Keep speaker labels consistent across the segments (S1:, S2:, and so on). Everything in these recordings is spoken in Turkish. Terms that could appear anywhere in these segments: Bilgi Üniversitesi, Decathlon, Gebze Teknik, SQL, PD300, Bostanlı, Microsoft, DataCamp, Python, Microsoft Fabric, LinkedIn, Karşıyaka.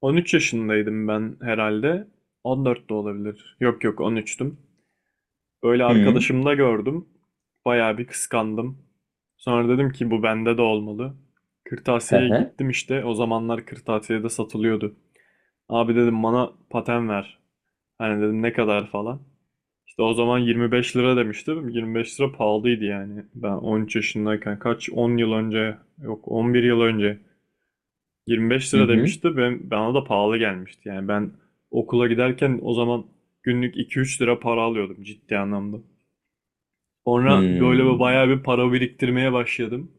S1: 13 yaşındaydım ben herhalde. 14 de olabilir. Yok yok 13'tüm. Böyle
S2: Hı.
S1: arkadaşımda gördüm. Bayağı bir kıskandım. Sonra dedim ki bu bende de olmalı.
S2: Hı
S1: Kırtasiye'ye
S2: hı.
S1: gittim işte. O zamanlar kırtasiyede satılıyordu. Abi dedim bana paten ver. Hani dedim ne kadar falan. İşte o zaman 25 lira demiştim. 25 lira pahalıydı yani. Ben 13 yaşındayken kaç 10 yıl önce yok 11 yıl önce. 25
S2: Hı
S1: lira
S2: hı.
S1: demişti. Ben, bana da pahalı gelmişti. Yani ben okula giderken o zaman günlük 2-3 lira para alıyordum ciddi anlamda. Sonra böyle bir
S2: Hmm.
S1: bayağı bir para biriktirmeye başladım.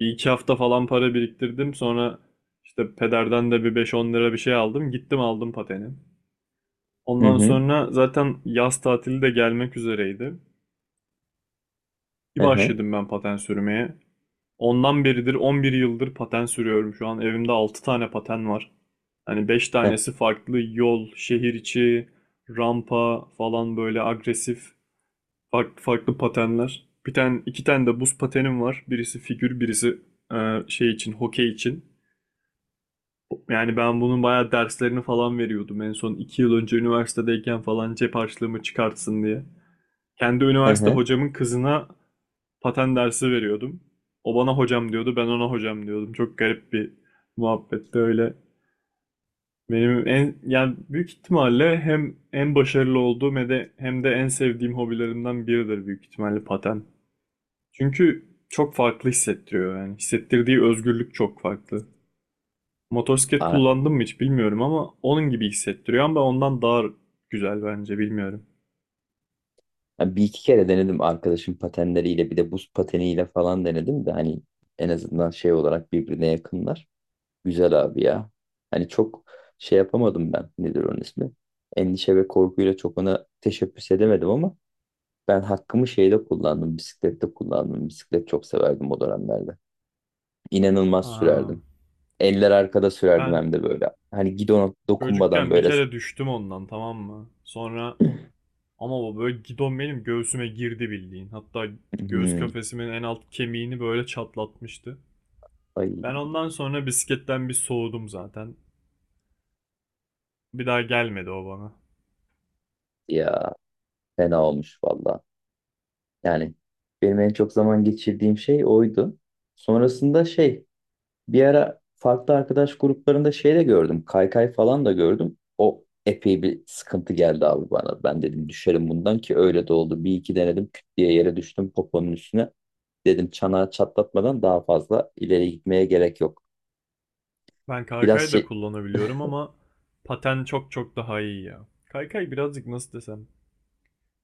S1: Bir iki hafta falan para biriktirdim. Sonra işte pederden de bir 5-10 lira bir şey aldım. Gittim aldım pateni.
S2: Hı
S1: Ondan
S2: hı.
S1: sonra zaten yaz tatili de gelmek üzereydi. Bir
S2: Hı hı.
S1: başladım ben paten sürmeye. Ondan beridir 11 yıldır paten sürüyorum şu an. Evimde 6 tane paten var. Hani 5
S2: Hı
S1: tanesi farklı yol, şehir içi, rampa falan böyle agresif farklı farklı patenler. Bir tane iki tane de buz patenim var. Birisi figür, birisi şey için, hokey için. Yani ben bunun bayağı derslerini falan veriyordum. En son 2 yıl önce üniversitedeyken falan cep harçlığımı çıkartsın diye. Kendi
S2: hı.
S1: üniversite
S2: Hı.
S1: hocamın kızına paten dersi veriyordum. O bana hocam diyordu, ben ona hocam diyordum. Çok garip bir muhabbetti öyle. Benim en yani büyük ihtimalle hem en başarılı olduğum hem de en sevdiğim hobilerimden biridir büyük ihtimalle paten. Çünkü çok farklı hissettiriyor yani. Hissettirdiği özgürlük çok farklı. Motosiklet
S2: Aa,
S1: kullandım mı hiç bilmiyorum ama onun gibi hissettiriyor ama ondan daha güzel bence bilmiyorum.
S2: bir iki kere denedim arkadaşım patenleriyle bir de buz pateniyle falan denedim de hani en azından şey olarak birbirine yakınlar. Güzel abi ya. Hani çok şey yapamadım ben. Nedir onun ismi? Endişe ve korkuyla çok ona teşebbüs edemedim ama ben hakkımı şeyde kullandım. Bisiklette kullandım. Bisiklet çok severdim o dönemlerde. İnanılmaz
S1: Aa,
S2: sürerdim. Eller arkada sürerdim
S1: ben
S2: hem de böyle. Hani gidona dokunmadan
S1: çocukken bir
S2: böyle.
S1: kere düştüm ondan, tamam mı? Sonra ama o böyle gidon benim göğsüme girdi bildiğin. Hatta göğüs
S2: Hmm.
S1: kafesimin en alt kemiğini böyle çatlatmıştı.
S2: Ay
S1: Ben ondan sonra bisikletten bir soğudum zaten. Bir daha gelmedi o bana.
S2: ya, fena olmuş valla. Yani benim en çok zaman geçirdiğim şey oydu. Sonrasında şey, bir ara farklı arkadaş gruplarında şey de gördüm. Kaykay falan da gördüm. O epey bir sıkıntı geldi abi bana. Ben dedim düşerim bundan ki öyle de oldu. Bir iki denedim, küt diye yere düştüm poponun üstüne. Dedim çanağı çatlatmadan daha fazla ileri gitmeye gerek yok.
S1: Ben
S2: Biraz
S1: kaykay da
S2: şey...
S1: kullanabiliyorum ama paten çok çok daha iyi ya. Kaykay birazcık nasıl desem.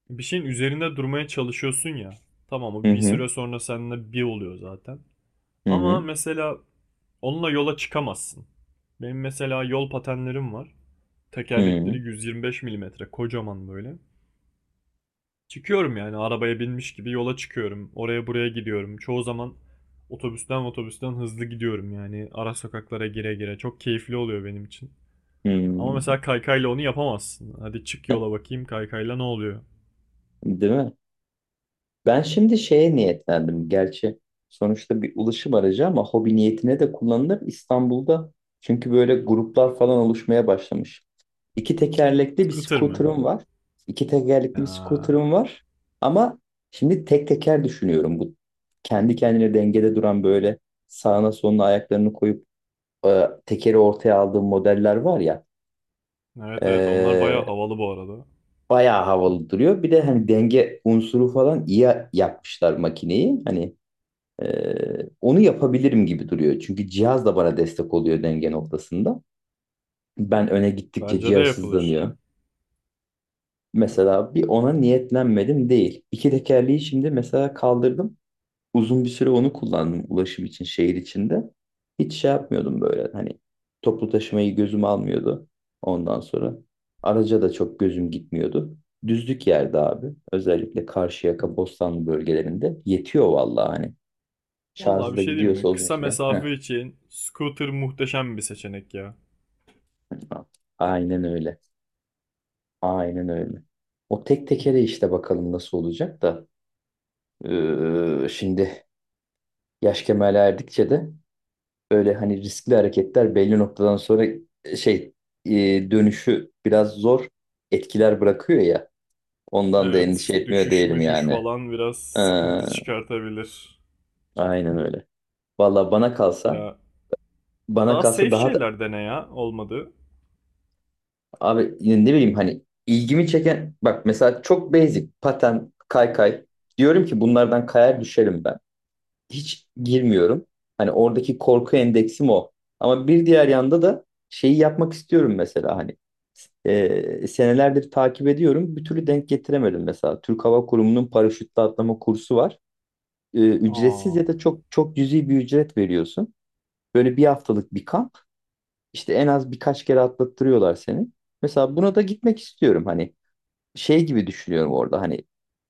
S1: Bir şeyin üzerinde durmaya çalışıyorsun ya. Tamam
S2: Hı
S1: o bir
S2: hı,
S1: süre sonra seninle bir oluyor zaten.
S2: hı
S1: Ama
S2: hı,
S1: mesela onunla yola çıkamazsın. Benim mesela yol patenlerim var. Tekerlekleri
S2: hı
S1: 125 milimetre kocaman böyle. Çıkıyorum yani arabaya binmiş gibi yola çıkıyorum. Oraya buraya gidiyorum. Çoğu zaman otobüsten hızlı gidiyorum yani. Ara sokaklara gire gire. Çok keyifli oluyor benim için.
S2: hı,
S1: Ama mesela kaykayla onu yapamazsın. Hadi çık
S2: hı.
S1: yola bakayım kaykayla ne oluyor?
S2: Değil mi? Ben şimdi şeye niyetlendim. Gerçi sonuçta bir ulaşım aracı ama hobi niyetine de kullanılır İstanbul'da. Çünkü böyle gruplar falan oluşmaya başlamış. İki tekerlekli bir
S1: Scooter mı?
S2: scooter'ım var. İki tekerlekli bir
S1: Ya.
S2: scooter'ım var. Ama şimdi tek teker düşünüyorum. Bu kendi kendine dengede duran böyle sağına soluna ayaklarını koyup tekeri ortaya aldığım modeller var ya.
S1: Evet evet onlar bayağı
S2: E,
S1: havalı bu arada.
S2: Bayağı havalı duruyor. Bir de hani denge unsuru falan iyi yapmışlar makineyi. Hani onu yapabilirim gibi duruyor. Çünkü cihaz da bana destek oluyor denge noktasında. Ben öne gittikçe
S1: Bence de
S2: cihaz
S1: yapılır.
S2: hızlanıyor. Mesela bir ona niyetlenmedim değil. İki tekerleği şimdi mesela kaldırdım. Uzun bir süre onu kullandım ulaşım için şehir içinde. Hiç şey yapmıyordum böyle hani, toplu taşımayı gözüm almıyordu ondan sonra. Araca da çok gözüm gitmiyordu. Düzlük yerde abi, özellikle Karşıyaka, Bostanlı bölgelerinde yetiyor vallahi hani.
S1: Vallahi
S2: Şarjı
S1: bir
S2: da
S1: şey diyeyim
S2: gidiyorsa
S1: mi?
S2: uzun
S1: Kısa
S2: süre. Heh.
S1: mesafe için scooter muhteşem bir seçenek ya.
S2: Aynen öyle. Aynen öyle. O tek tekere işte bakalım nasıl olacak da. Şimdi yaş kemale erdikçe de öyle hani riskli hareketler belli noktadan sonra şey, dönüşü biraz zor etkiler bırakıyor ya. Ondan da endişe
S1: Evet,
S2: etmiyor
S1: düşüş
S2: değilim
S1: müşüş
S2: yani.
S1: falan biraz
S2: Ee,
S1: sıkıntı çıkartabilir.
S2: aynen öyle. Valla bana kalsa,
S1: Ya
S2: bana
S1: daha
S2: kalsa
S1: safe
S2: daha da,
S1: şeyler dene ya olmadı.
S2: abi yine ne bileyim hani ilgimi çeken bak mesela çok basic paten kaykay, diyorum ki bunlardan kayar düşerim ben. Hiç girmiyorum. Hani oradaki korku endeksim o. Ama bir diğer yanda da şeyi yapmak istiyorum mesela hani, senelerdir takip ediyorum. Bir türlü denk getiremedim mesela. Türk Hava Kurumu'nun paraşütle atlama kursu var. Ücretsiz
S1: Aa,
S2: ya da çok çok cüzi bir ücret veriyorsun. Böyle bir haftalık bir kamp. İşte en az birkaç kere atlattırıyorlar seni. Mesela buna da gitmek istiyorum, hani şey gibi düşünüyorum orada hani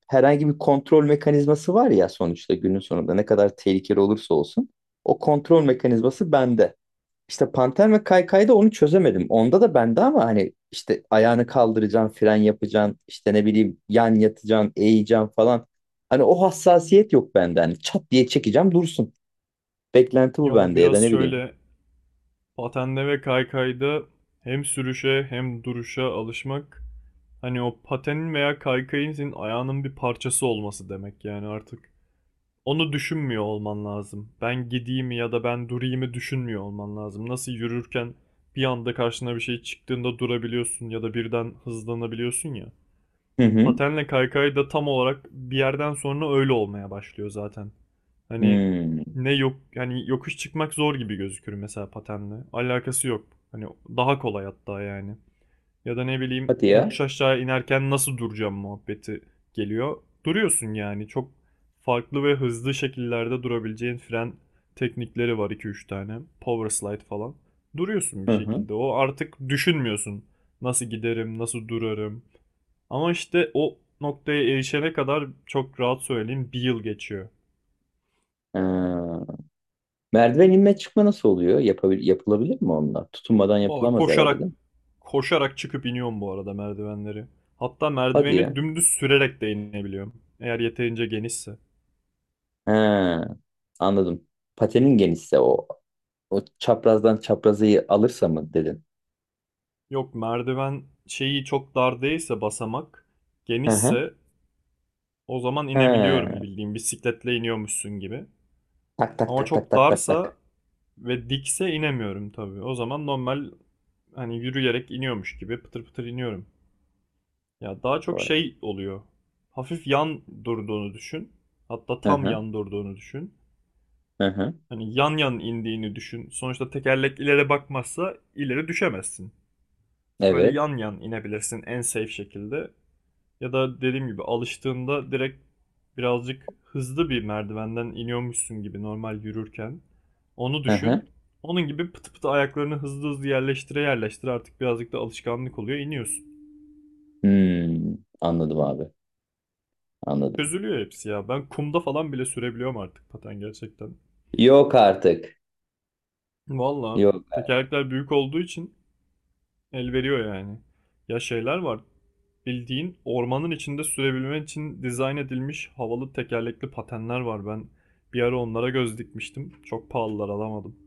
S2: herhangi bir kontrol mekanizması var ya, sonuçta günün sonunda ne kadar tehlikeli olursa olsun o kontrol mekanizması bende. İşte Panter ve Kaykay'da onu çözemedim. Onda da bende ama hani işte ayağını kaldıracaksın, fren yapacaksın, işte ne bileyim yan yatacaksın, eğeceksin falan. Hani o hassasiyet yok bende. Hani çat diye çekeceğim dursun. Beklenti
S1: ya
S2: bu
S1: o
S2: bende ya
S1: biraz
S2: da ne bileyim.
S1: şöyle patenle ve kaykayda hem sürüşe hem duruşa alışmak. Hani o patenin veya kaykayın senin ayağının bir parçası olması demek yani artık. Onu düşünmüyor olman lazım. Ben gideyim ya da ben durayımı düşünmüyor olman lazım. Nasıl yürürken bir anda karşına bir şey çıktığında durabiliyorsun ya da birden hızlanabiliyorsun ya.
S2: Hı hı.
S1: Patenle kaykay da tam olarak bir yerden sonra öyle olmaya başlıyor zaten. Hani
S2: Hmm.
S1: ne yok yani yokuş çıkmak zor gibi gözükür mesela patenle. Alakası yok. Hani daha kolay hatta yani. Ya da ne bileyim
S2: Hadi ya.
S1: yokuş aşağı inerken nasıl duracağım muhabbeti geliyor. Duruyorsun yani çok farklı ve hızlı şekillerde durabileceğin fren teknikleri var iki üç tane. Power slide falan. Duruyorsun bir
S2: Hı hı.
S1: şekilde. O artık düşünmüyorsun. Nasıl giderim, nasıl durarım. Ama işte o noktaya erişene kadar çok rahat söyleyeyim bir yıl geçiyor.
S2: Ha. Merdiven inme çıkma nasıl oluyor? Yapılabilir mi onlar? Tutunmadan
S1: Valla
S2: yapılamaz herhalde değil
S1: koşarak
S2: mi?
S1: koşarak çıkıp iniyorum bu arada merdivenleri. Hatta
S2: Hadi ya.
S1: merdiveni dümdüz sürerek de inebiliyorum. Eğer yeterince genişse.
S2: Ha, anladım. Patenin genişse o çaprazdan çaprazı alırsa mı dedin?
S1: Yok merdiven şeyi çok dar değilse basamak
S2: Hı hı.
S1: genişse o zaman inebiliyorum
S2: Ha.
S1: bildiğin bisikletle iniyormuşsun gibi.
S2: Tak tak
S1: Ama
S2: tak tak
S1: çok
S2: tak tak tak.
S1: darsa ve dikse inemiyorum tabii. O zaman normal hani yürüyerek iniyormuş gibi pıtır pıtır iniyorum. Ya daha çok
S2: Doğru.
S1: şey oluyor. Hafif yan durduğunu düşün. Hatta
S2: Hı
S1: tam
S2: hı.
S1: yan durduğunu düşün.
S2: Hı hı.
S1: Hani yan yan indiğini düşün. Sonuçta tekerlek ileri bakmazsa ileri düşemezsin. Öyle
S2: Evet.
S1: yan yan inebilirsin en safe şekilde. Ya da dediğim gibi alıştığında direkt birazcık hızlı bir merdivenden iniyormuşsun gibi normal yürürken. Onu
S2: Hı
S1: düşün.
S2: hı.
S1: Onun gibi pıtı pıtı ayaklarını hızlı hızlı yerleştire yerleştire artık birazcık da alışkanlık oluyor iniyorsun.
S2: Hmm, anladım abi. Anladım.
S1: Çözülüyor hepsi ya. Ben kumda falan bile sürebiliyorum artık paten gerçekten.
S2: Yok artık.
S1: Valla
S2: Yok.
S1: tekerlekler büyük olduğu için el veriyor yani. Ya şeyler var. Bildiğin ormanın içinde sürebilmen için dizayn edilmiş havalı tekerlekli patenler var. Ben bir ara onlara göz dikmiştim. Çok pahalılar alamadım.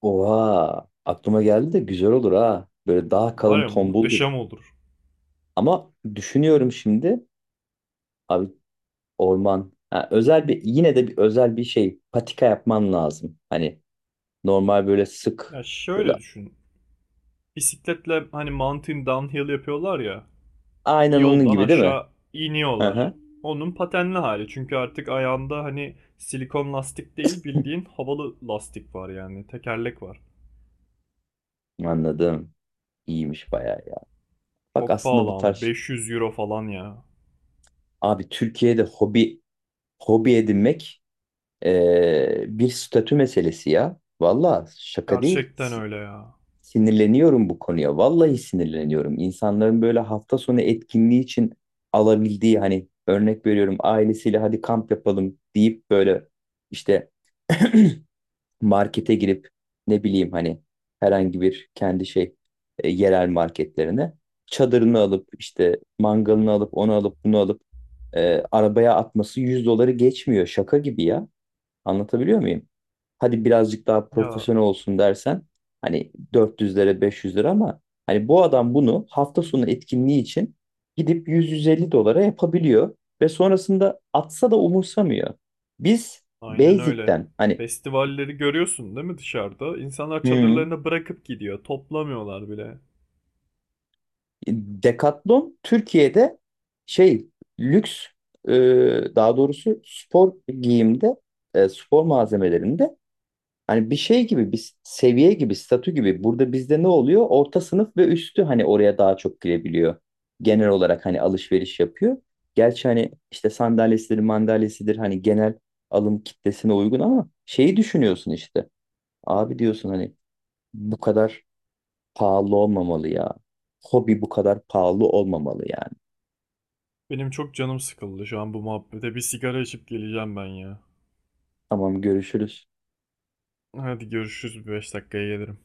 S2: Oha. Aklıma geldi de güzel olur ha. Böyle daha
S1: Var
S2: kalın
S1: ya
S2: tombuldur.
S1: muhteşem olur.
S2: Ama düşünüyorum şimdi. Abi, orman. Ha, özel bir, yine de bir özel bir şey patika yapman lazım. Hani normal böyle sık
S1: Ya
S2: böyle,
S1: şöyle düşün. Bisikletle hani mountain downhill yapıyorlar ya. Bir
S2: aynen onun
S1: yoldan
S2: gibi değil mi?
S1: aşağı
S2: Hı
S1: iniyorlar.
S2: hı.
S1: Onun patenli hali. Çünkü artık ayağında hani silikon lastik değil bildiğin havalı lastik var yani. Tekerlek var.
S2: Anladım. İyiymiş bayağı ya. Bak
S1: Çok
S2: aslında
S1: pahalı
S2: bu tarz
S1: ama
S2: şey,
S1: 500 euro falan ya.
S2: abi Türkiye'de hobi edinmek bir statü meselesi ya. Valla şaka değil.
S1: Gerçekten öyle ya.
S2: Sinirleniyorum bu konuya. Vallahi sinirleniyorum. İnsanların böyle hafta sonu etkinliği için alabildiği, hani örnek veriyorum, ailesiyle hadi kamp yapalım deyip böyle işte markete girip ne bileyim hani herhangi bir kendi şey, yerel marketlerine çadırını alıp işte mangalını alıp onu alıp bunu alıp arabaya atması 100 doları geçmiyor. Şaka gibi ya. Anlatabiliyor muyum? Hadi birazcık daha
S1: Ya
S2: profesyonel olsun dersen hani 400 lira 500 lira, ama hani bu adam bunu hafta sonu etkinliği için gidip 100-150 dolara yapabiliyor ve sonrasında atsa da umursamıyor. Biz
S1: aynen öyle.
S2: basic'ten hani,
S1: Festivalleri görüyorsun değil mi dışarıda? İnsanlar
S2: hmm,
S1: çadırlarını bırakıp gidiyor. Toplamıyorlar bile.
S2: Decathlon Türkiye'de şey lüks, e, daha doğrusu spor giyimde, spor malzemelerinde, hani bir şey gibi, bir seviye gibi, statü gibi. Burada bizde ne oluyor? Orta sınıf ve üstü hani oraya daha çok girebiliyor. Genel olarak hani alışveriş yapıyor. Gerçi hani işte sandalyesidir, mandalyesidir, hani genel alım kitlesine uygun ama şeyi düşünüyorsun işte. Abi diyorsun hani bu kadar pahalı olmamalı ya. Hobi bu kadar pahalı olmamalı yani.
S1: Benim çok canım sıkıldı şu an bu muhabbete. Bir sigara içip geleceğim ben ya.
S2: Tamam, görüşürüz.
S1: Hadi görüşürüz. Bir 5 dakikaya gelirim.